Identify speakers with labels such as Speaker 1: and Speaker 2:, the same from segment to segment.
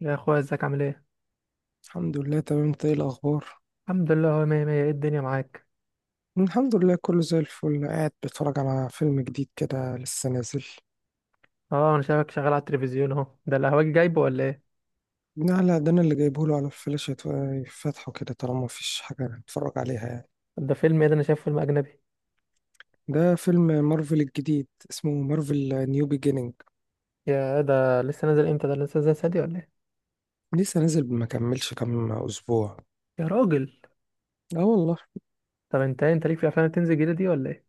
Speaker 1: يا اخويا ازيك عامل ايه؟
Speaker 2: الحمد لله تمام، انت ايه الاخبار؟
Speaker 1: الحمد لله، هو مية مية، ايه الدنيا معاك؟
Speaker 2: الحمد لله كله زي الفل، قاعد بتفرج على فيلم جديد كده لسه نازل.
Speaker 1: اه، انا شايفك شغال على التلفزيون، اهو ده اللي هواك جايبه ولا ايه؟
Speaker 2: لا لا، ده انا اللي جايبه له على الفلاش يفتحه كده طالما مفيش حاجه نتفرج عليها يعني.
Speaker 1: طب ده فيلم ايه ده؟ انا شايف فيلم اجنبي.
Speaker 2: ده فيلم مارفل الجديد، اسمه مارفل نيو بيجينينج.
Speaker 1: يا ده لسه نازل امتى؟ ده لسه نازل سادي ولا ايه؟
Speaker 2: لسه نازل، ما كملش كام اسبوع.
Speaker 1: يا راجل.
Speaker 2: اه والله.
Speaker 1: طب انت إيه؟ انت ليك في الافلام اللي بتنزل جديده دي ولا ايه؟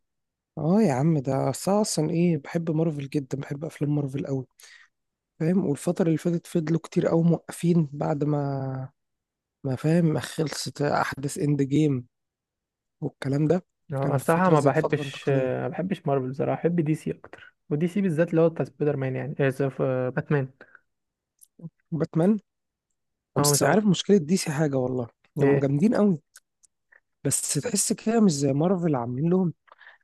Speaker 2: اه يا عم، ده أصل أنا اصلا بحب مارفل جدا، بحب افلام مارفل قوي، فاهم. والفتره اللي فاتت فضلوا كتير قوي موقفين، بعد ما فاهم، ما خلصت احداث اند جيم والكلام ده.
Speaker 1: اه، انا
Speaker 2: كانوا في
Speaker 1: بصراحه
Speaker 2: فترة
Speaker 1: ما
Speaker 2: زي الفترة
Speaker 1: بحبش،
Speaker 2: الانتقالية.
Speaker 1: ما بحبش مارفل بصراحه. بحب دي سي اكتر، ودي سي بالذات اللي هو بتاع سبايدر مان، يعني إيه، باتمان.
Speaker 2: باتمان.
Speaker 1: هو مش
Speaker 2: بس
Speaker 1: هو؟
Speaker 2: عارف مشكلة دي سي حاجة والله، هم
Speaker 1: ايه.
Speaker 2: جامدين قوي. بس تحس كده مش زي مارفل، عاملين لهم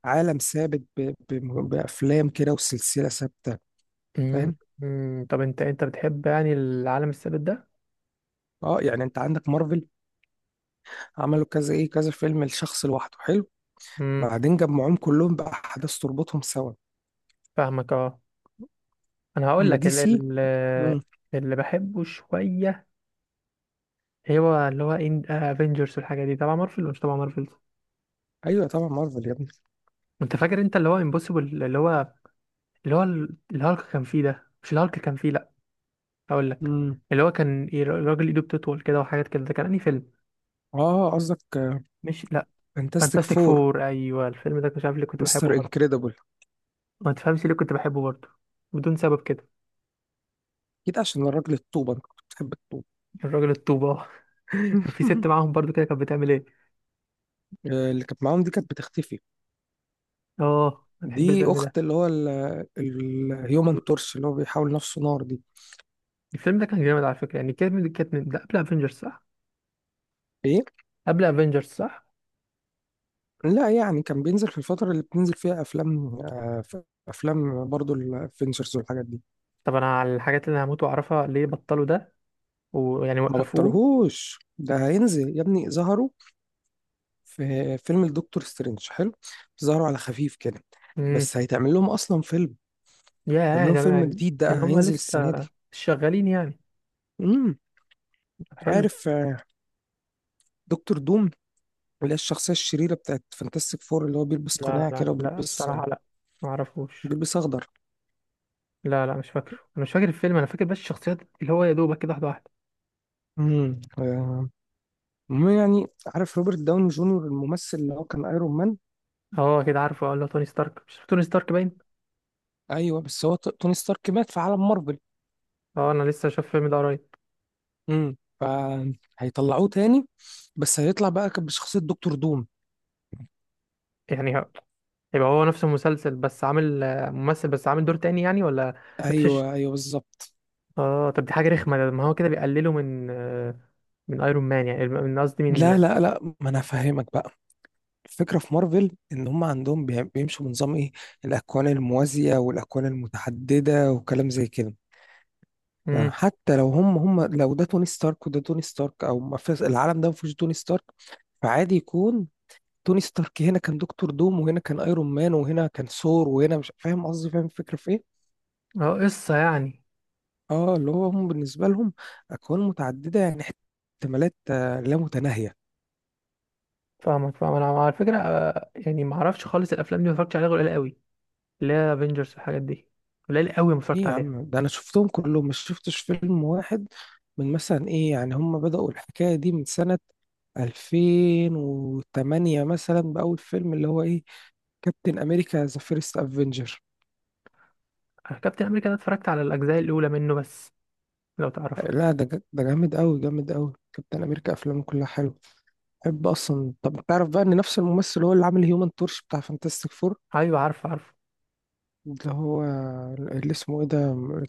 Speaker 2: عالم ثابت بأفلام كده وسلسلة ثابتة،
Speaker 1: مم،
Speaker 2: فاهم.
Speaker 1: طب انت بتحب يعني العالم الثابت ده؟
Speaker 2: اه يعني انت عندك مارفل، عملوا كذا كذا فيلم لشخص لوحده حلو،
Speaker 1: امم.
Speaker 2: بعدين جمعوهم كلهم بأحداث تربطهم سوا.
Speaker 1: فاهمك، اه. انا هقول
Speaker 2: اما
Speaker 1: لك
Speaker 2: دي سي، مم.
Speaker 1: اللي بحبه شويه، هو اللي هو ان افنجرز والحاجه دي تبع مارفل ولا مش تبع مارفل.
Speaker 2: ايوه طبعا مارفل يا ابني.
Speaker 1: انت فاكر انت اللي هو امبوسيبل، اللي هو الهالك كان فيه؟ ده مش الهالك كان فيه، لا. هقول لك.
Speaker 2: مم.
Speaker 1: اللي هو كان إيه، الراجل ايده بتطول كده وحاجات كده، ده كان انهي فيلم؟
Speaker 2: اه قصدك
Speaker 1: مش لا.
Speaker 2: فانتاستيك
Speaker 1: فانتاستيك
Speaker 2: فور.
Speaker 1: فور، ايوه. الفيلم ده مش عارف ليه كنت بحبه
Speaker 2: مستر
Speaker 1: برضه.
Speaker 2: انكريدبل.
Speaker 1: ما تفهمش ليه كنت بحبه برضه، بدون سبب كده.
Speaker 2: اكيد عشان الراجل الطوبة، انت كنت بتحب الطوبة.
Speaker 1: الراجل الطوبه كان في ست معاهم برضه كده، كانت بتعمل ايه؟
Speaker 2: اللي كانت معاهم دي كانت بتختفي.
Speaker 1: اه، انا بحب
Speaker 2: دي
Speaker 1: الفيلم ده.
Speaker 2: اخت اللي هو الهيومن تورش، اللي هو بيحاول نفسه نار دي.
Speaker 1: الفيلم ده كان جامد على فكرة يعني. كانت من ده قبل افنجرز صح؟
Speaker 2: ايه.
Speaker 1: قبل افنجرز صح؟
Speaker 2: لا، يعني كان بينزل في الفترة اللي بتنزل فيها افلام افلام برضو الافنجرز والحاجات دي.
Speaker 1: طب انا على الحاجات اللي انا هموت واعرفها، ليه بطلوا ده، ويعني
Speaker 2: ما
Speaker 1: وقفوه؟
Speaker 2: بطلهوش، ده هينزل يا ابني. ظهروا في فيلم الدكتور سترينج حلو، ظهروا على خفيف كده.
Speaker 1: امم.
Speaker 2: بس هيتعمل لهم اصلا فيلم، هيتعمل
Speaker 1: يا
Speaker 2: لهم
Speaker 1: ده
Speaker 2: فيلم
Speaker 1: يعني
Speaker 2: جديد
Speaker 1: ان
Speaker 2: ده
Speaker 1: هم
Speaker 2: هينزل
Speaker 1: لسه
Speaker 2: السنة دي.
Speaker 1: شغالين يعني؟
Speaker 2: امم.
Speaker 1: طب حلو.
Speaker 2: عارف دكتور دوم، اللي هي الشخصية الشريرة بتاعت فانتاستيك فور اللي هو بيلبس
Speaker 1: لا
Speaker 2: قناع
Speaker 1: لا
Speaker 2: كده
Speaker 1: لا،
Speaker 2: وبيلبس،
Speaker 1: بصراحة لا، ما اعرفوش.
Speaker 2: بيلبس أخضر.
Speaker 1: لا لا، مش فاكره، انا مش فاكر الفيلم، انا فاكر بس الشخصيات اللي هو يا دوبك كده، واحدة واحدة.
Speaker 2: امم آه، المهم يعني، عارف روبرت داوني جونيور الممثل اللي هو كان ايرون مان.
Speaker 1: اه كده عارفه، اه اللي هو توني ستارك. مش توني ستارك باين.
Speaker 2: أيوه، بس هو توني ستارك مات في عالم مارفل.
Speaker 1: اه انا لسه شايف الفيلم ده قريب.
Speaker 2: امم، فهيطلعوه تاني، بس هيطلع بقى كان بشخصية دكتور دوم.
Speaker 1: يعني ه- يبقى هو نفس المسلسل، بس عامل ممثل، بس عامل دور تاني يعني ولا نفس؟
Speaker 2: أيوه أيوه بالظبط.
Speaker 1: اه، طب دي حاجة رخمة. ما هو كده بيقللوا من من ايرون مان، يعني من، قصدي من.
Speaker 2: لا لا لا، ما انا فاهمك بقى. الفكره في مارفل ان هم عندهم بيمشوا بنظام ايه، الاكوان الموازيه والاكوان المتعدده وكلام زي كده.
Speaker 1: امم.
Speaker 2: فحتى لو هم لو ده توني ستارك وده توني ستارك او ما فيش العالم ده ما فيهوش توني ستارك، فعادي يكون توني ستارك هنا كان دكتور دوم وهنا كان ايرون مان وهنا كان ثور وهنا مش فاهم قصدي، فاهم الفكره في ايه.
Speaker 1: اه، قصة يعني.
Speaker 2: اه، اللي هو هم بالنسبه لهم اكوان متعدده، يعني احتمالات لا متناهيه.
Speaker 1: فاهمك، فاهم. انا على فكرة يعني ما اعرفش خالص الافلام دي، ما اتفرجتش عليها غير قليل قوي، اللي هي افنجرز والحاجات دي، قليل قوي ما
Speaker 2: ايه
Speaker 1: اتفرجت
Speaker 2: يا
Speaker 1: عليها.
Speaker 2: عم، ده انا شفتهم كلهم، مش شفتش فيلم واحد. من مثلا ايه، يعني هم بدأوا الحكايه دي من سنه 2008 مثلا، بأول فيلم اللي هو ايه، كابتن امريكا ذا فيرست افنجر.
Speaker 1: أنا كابتن امريكا ده اتفرجت على الاجزاء الاولى منه بس، لو تعرفه.
Speaker 2: لا ده ده جامد قوي، جامد قوي. كابتن امريكا افلامه كلها حلوه، بحب اصلا. طب تعرف بقى ان نفس الممثل هو اللي عامل هيومن تورش بتاع فانتاستيك فور،
Speaker 1: ايوه عارف عارف.
Speaker 2: اللي هو اللي اسمه ايه ده،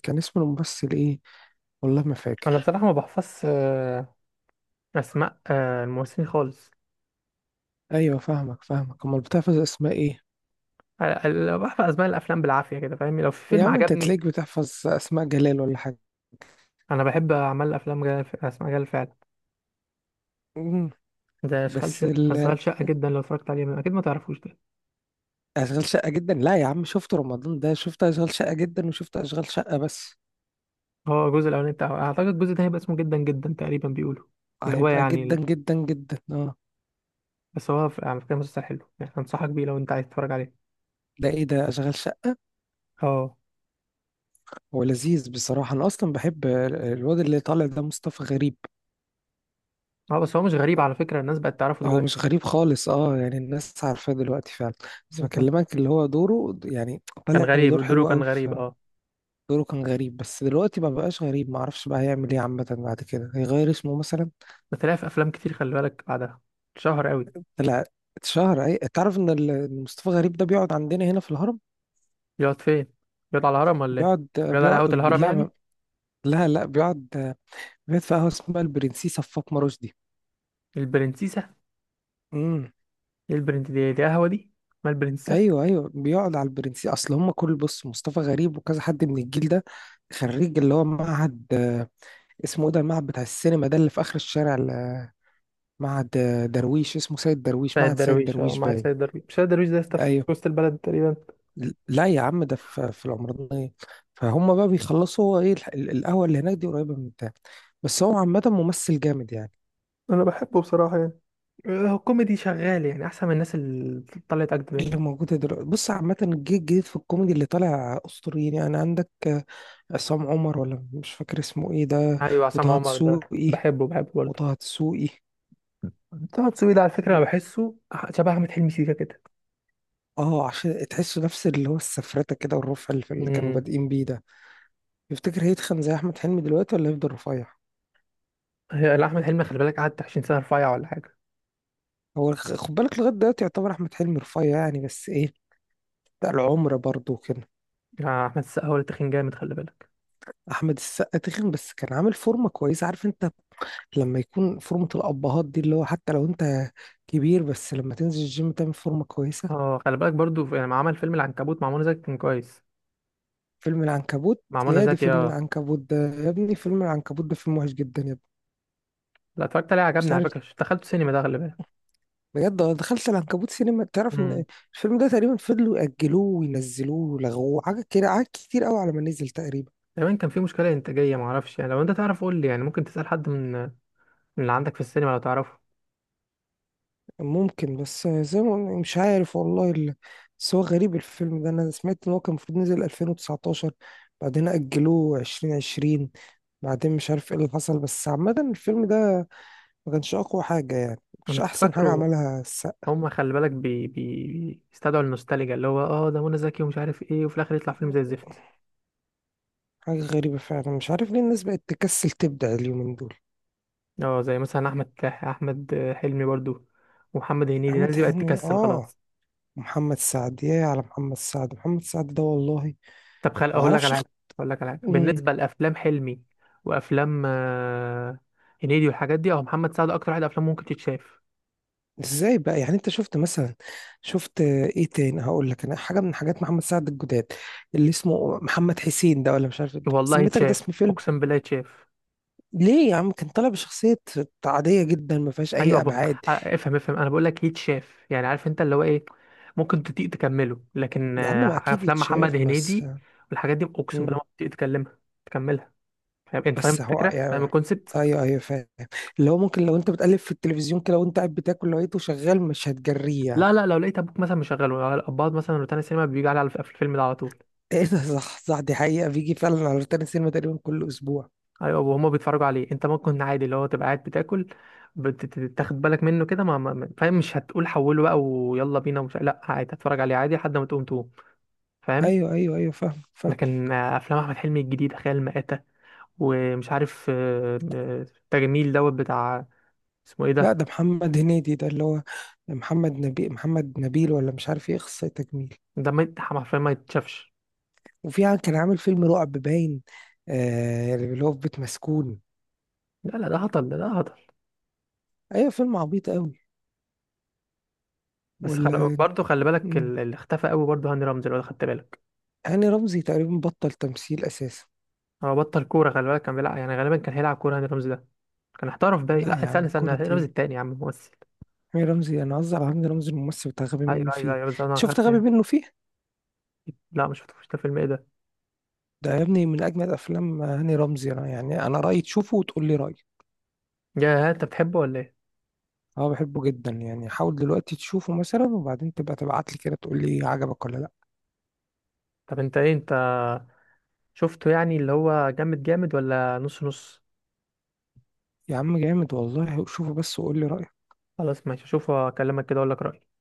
Speaker 2: كان اسم الممثل ايه، والله ما
Speaker 1: انا
Speaker 2: فاكر.
Speaker 1: بصراحة ما بحفظش، اسماء الممثلين خالص.
Speaker 2: ايوه فاهمك فاهمك، امال بتحفظ اسماء ايه؟
Speaker 1: ال- بحفظ اسماء الافلام بالعافية كده فاهم، لو في
Speaker 2: يا
Speaker 1: فيلم
Speaker 2: عم انت
Speaker 1: عجبني.
Speaker 2: تلاقيك بتحفظ اسماء جلال ولا حاجه.
Speaker 1: انا بحب اعمل افلام جايه، اسماء جايه.
Speaker 2: مم.
Speaker 1: ده اشغال
Speaker 2: بس
Speaker 1: شقه، اشغال
Speaker 2: ال-
Speaker 1: شقه جدا لو اتفرجت عليه، اكيد ما تعرفوش ده.
Speaker 2: اشغال شقه جدا، لا يا عم، شفت رمضان ده، شفت اشغال شقه جدا وشفت اشغال شقه بس.
Speaker 1: هو الجزء الاولاني بتاعه، اعتقد الجزء ده هيبقى اسمه جدا جدا تقريبا بيقولوا. اللي هو
Speaker 2: هيبقى
Speaker 1: يعني
Speaker 2: جدا
Speaker 1: ال-
Speaker 2: جدا جدا اه.
Speaker 1: بس هو على فكره مسلسل حلو يعني، انصحك بيه لو انت عايز تتفرج عليه.
Speaker 2: ده ايه ده اشغال شقه؟
Speaker 1: اه.
Speaker 2: هو لذيذ بصراحة، أنا أصلا بحب الواد اللي طالع ده مصطفى غريب.
Speaker 1: اه، بس هو مش غريب على فكره، الناس بقت تعرفه
Speaker 2: هو
Speaker 1: دلوقتي.
Speaker 2: مش غريب خالص أه، يعني الناس عارفاه دلوقتي فعلا. بس
Speaker 1: بالظبط.
Speaker 2: بكلمك اللي هو دوره يعني
Speaker 1: كان
Speaker 2: طالع بدور
Speaker 1: غريب دوره،
Speaker 2: حلو
Speaker 1: كان
Speaker 2: أوي
Speaker 1: غريب
Speaker 2: في.
Speaker 1: اه.
Speaker 2: دوره كان غريب، بس دلوقتي ما بقاش غريب، معرفش بقى هيعمل إيه، عامة بعد كده هيغير اسمه مثلا.
Speaker 1: بس طلع في افلام كتير خلي بالك بعدها، شهر قوي.
Speaker 2: طلع اتشهر. أي تعرف إن مصطفى غريب ده بيقعد عندنا هنا في الهرم.
Speaker 1: بيقعد فين؟ بيقعد على الهرم ولا ايه؟
Speaker 2: بيقعد
Speaker 1: بيقعد على قهوه
Speaker 2: بيقعد
Speaker 1: الهرم
Speaker 2: لا،
Speaker 1: يعني؟
Speaker 2: لا لا، بيقعد، بيقعد في قهوة اسمها البرنسيسة في فاطمة رشدي.
Speaker 1: البرنسيسه؟
Speaker 2: امم.
Speaker 1: ايه البرنس دي؟ دي قهوه دي؟ ما البرنسيسه.
Speaker 2: ايوه ايوه بيقعد على البرنسي، اصل هم كل، بص مصطفى غريب وكذا حد من الجيل ده خريج اللي هو معهد اسمه ايه ده، المعهد بتاع السينما ده اللي في اخر الشارع معهد درويش، اسمه سيد درويش،
Speaker 1: سيد
Speaker 2: معهد سيد
Speaker 1: درويش، اه
Speaker 2: درويش
Speaker 1: مع
Speaker 2: باين.
Speaker 1: سيد درويش. مش سيد درويش ده يا اسطى في
Speaker 2: ايوه.
Speaker 1: وسط البلد تقريبا؟
Speaker 2: لا يا عم، ده في العمرانية. فهم بقى بيخلصوا، هو ايه القهوة اللي هناك دي قريبة من بتاع. بس هو عامة ممثل جامد يعني.
Speaker 1: انا بحبه بصراحه يعني. هو كوميدي شغال يعني، احسن من الناس اللي طلعت اجد
Speaker 2: اللي
Speaker 1: منه.
Speaker 2: موجودة دلوقتي، بص عامة الجيل الجديد في الكوميدي اللي طالع أسطوريين، يعني عندك عصام عمر، ولا مش فاكر اسمه ايه ده.
Speaker 1: ايوه عصام
Speaker 2: وطه
Speaker 1: عمر ده
Speaker 2: دسوقي.
Speaker 1: بحبه، بحبه برضه.
Speaker 2: وطه دسوقي
Speaker 1: طه دسوقي ده على فكره
Speaker 2: و...
Speaker 1: انا بحسه شبه احمد حلمي سيكا كده.
Speaker 2: اه عشان تحسوا نفس اللي هو السفرته كده والرفع اللي كانوا
Speaker 1: امم.
Speaker 2: بادئين بيه ده. يفتكر هيتخن زي احمد حلمي دلوقتي ولا هيفضل رفيع.
Speaker 1: هي لا، احمد حلمي خلي بالك قعد 20 سنه رفيع ولا حاجه.
Speaker 2: هو خد بالك لغايه دلوقتي يعتبر احمد حلمي رفيع يعني، بس ايه، ده العمر برضه كده.
Speaker 1: يعني احمد السقا هو اللي تخين جامد خلي بالك.
Speaker 2: احمد السقا تخن، بس كان عامل فورمه كويسه، عارف انت لما يكون فورمه الابهات دي، اللي هو حتى لو انت كبير، بس لما تنزل الجيم تعمل فورمه كويسه.
Speaker 1: اه خلي بالك برضه يعني، ما عمل فيلم العنكبوت مع منى زكي كان كويس.
Speaker 2: فيلم العنكبوت،
Speaker 1: مع منى
Speaker 2: يا دي
Speaker 1: زكي
Speaker 2: فيلم
Speaker 1: اه.
Speaker 2: العنكبوت ده يا ابني، فيلم العنكبوت ده فيلم وحش جدا يا ابني.
Speaker 1: لا، اتفرجت عليه عجبني
Speaker 2: مش
Speaker 1: على
Speaker 2: عارف.
Speaker 1: فكره، دخلت سينما ده خلي بالك.
Speaker 2: بجد أنا دخلت العنكبوت سينما، تعرف
Speaker 1: امم.
Speaker 2: ان الفيلم ده تقريبا فضلوا يأجلوه وينزلوه ولغوه حاجة كده، حاجات كتير قوي على ما نزل تقريبا.
Speaker 1: كمان كان في مشكله انتاجيه معرفش، يعني لو انت تعرف قول لي يعني، ممكن تسال حد من اللي عندك في السينما لو تعرفه.
Speaker 2: ممكن، بس زي ما قلنا مش عارف والله بس هو غريب الفيلم ده، انا سمعت ان هو كان المفروض نزل 2019، بعدين أجلوه 2020، بعدين مش عارف ايه اللي حصل، بس عامة الفيلم ده ما كانش أقوى حاجة يعني،
Speaker 1: انا
Speaker 2: مش
Speaker 1: كنت
Speaker 2: أحسن حاجة
Speaker 1: فاكره.
Speaker 2: عملها السقا.
Speaker 1: هم خلي بالك بيستدعوا النوستالجيا، اللي هو اه ده منى زكي ومش عارف ايه، وفي الاخر يطلع فيلم زي الزفت.
Speaker 2: حاجة غريبة فعلا، مش عارف ليه الناس بقت تكسل تبدع اليومين دول.
Speaker 1: اه زي مثلا احمد حلمي برضو ومحمد هنيدي، الناس
Speaker 2: أحمد
Speaker 1: دي بقت
Speaker 2: حلمي
Speaker 1: تكسل خلاص.
Speaker 2: محمد سعد، يا على محمد سعد، محمد سعد ده والله
Speaker 1: طب خل اقول لك
Speaker 2: معرفش
Speaker 1: على حاجه. اقول لك على حاجه
Speaker 2: مم،
Speaker 1: بالنسبه لافلام حلمي وافلام هنيدي والحاجات دي. اه، محمد سعد اكتر واحد افلامه ممكن تتشاف.
Speaker 2: ازاي بقى يعني، انت شفت مثلا، شفت ايه تاني هقول لك، انا حاجة من حاجات محمد سعد الجداد اللي اسمه محمد حسين ده، ولا مش عارف إيه
Speaker 1: والله
Speaker 2: سميتك، ده
Speaker 1: يتشاف،
Speaker 2: اسم فيلم.
Speaker 1: اقسم بالله يتشاف.
Speaker 2: ليه يا عم، كان طالع بشخصية عادية جدا ما فيهاش
Speaker 1: ايوه،
Speaker 2: أي
Speaker 1: ب...
Speaker 2: أبعاد.
Speaker 1: آه، افهم افهم. انا بقول لك يتشاف يعني، عارف انت اللي هو ايه، ممكن تطيق تكمله. لكن
Speaker 2: يا عم ما أكيد
Speaker 1: افلام محمد
Speaker 2: يتشاف، بس.
Speaker 1: هنيدي والحاجات دي اقسم بالله ما بتطيق تكملها. فاهم انت؟ فاهم
Speaker 2: بس هو
Speaker 1: الفكره؟ فاهم
Speaker 2: يعني،
Speaker 1: الكونسبت؟
Speaker 2: ايوه ايوه فاهم، اللي هو ممكن لو انت بتقلب في التلفزيون كده وانت قاعد بتاكل لقيته شغال مش هتجريه يعني.
Speaker 1: لا لا، لو لقيت ابوك مثلا مشغله الاباض مثلا، روتانا سينما بيجي على الفيلم ده على طول.
Speaker 2: ايه ده، صح صح، دي حقيقة، بيجي فعلا على روتانا سينما تقريبا كل اسبوع.
Speaker 1: ايوه وهما بيتفرجوا عليه، انت ممكن عادي اللي هو تبقى قاعد بتاكل، بتاخد بالك منه كده، فاهم؟ مش هتقول حوله بقى ويلا بينا، ومش، لا عادي هتفرج عليه عادي لحد ما تقوم تقوم فاهم.
Speaker 2: ايوه ايوه ايوه فاهم فاهم.
Speaker 1: لكن افلام احمد حلمي الجديده خيال مآتة، ومش عارف التجميل دوت بتاع، اسمه ايه
Speaker 2: لا، ده
Speaker 1: ده.
Speaker 2: محمد هنيدي ده، اللي هو محمد نبي، محمد نبيل ولا مش عارف ايه، اخصائي تجميل.
Speaker 1: ده ما يت- حرفيا ما يتشافش.
Speaker 2: وفي كان عامل فيلم رعب باين، آه اللي هو في بيت مسكون.
Speaker 1: لا لا ده هطل، ده هطل.
Speaker 2: ايوه فيلم عبيط قوي.
Speaker 1: بس
Speaker 2: ولا.
Speaker 1: برضه خلي بالك
Speaker 2: مم.
Speaker 1: اللي اختفى قوي برضه هاني رمزي لو خدت بالك.
Speaker 2: هاني رمزي تقريبا بطل تمثيل اساسا.
Speaker 1: هو بطل كوره خلي بالك، كان بيلعب يعني، غالبا كان هيلعب كوره هاني رمزي ده، كان احترف باي.
Speaker 2: لا
Speaker 1: لا
Speaker 2: يا
Speaker 1: استنى
Speaker 2: عم
Speaker 1: استنى،
Speaker 2: كرة
Speaker 1: هاني رمزي
Speaker 2: ايه،
Speaker 1: التاني يا عم ممثل.
Speaker 2: هاني رمزي، انا قصدي على هاني رمزي الممثل بتاع غبي منه
Speaker 1: ايوه ايوه
Speaker 2: فيه.
Speaker 1: ايوه، بس
Speaker 2: أنت
Speaker 1: انا
Speaker 2: شفت
Speaker 1: خدت.
Speaker 2: غبي منه فيه؟
Speaker 1: لا ما شفتوش، ده فيلم ايه ده؟
Speaker 2: ده يا ابني من اجمل افلام هاني رمزي، انا يعني انا رايي تشوفه وتقول لي رايي.
Speaker 1: يا انت بتحبه ولا ايه؟
Speaker 2: اه بحبه جدا يعني، حاول دلوقتي تشوفه مثلا وبعدين تبقى تبعت لي كده تقول لي عجبك ولا لا.
Speaker 1: طب انت ايه، انت شفته يعني اللي هو جامد جامد ولا نص نص؟
Speaker 2: يا عم جامد والله، شوفه بس وقول لي رايك.
Speaker 1: خلاص ماشي، اشوفه اكلمك كده اقول لك رأيي.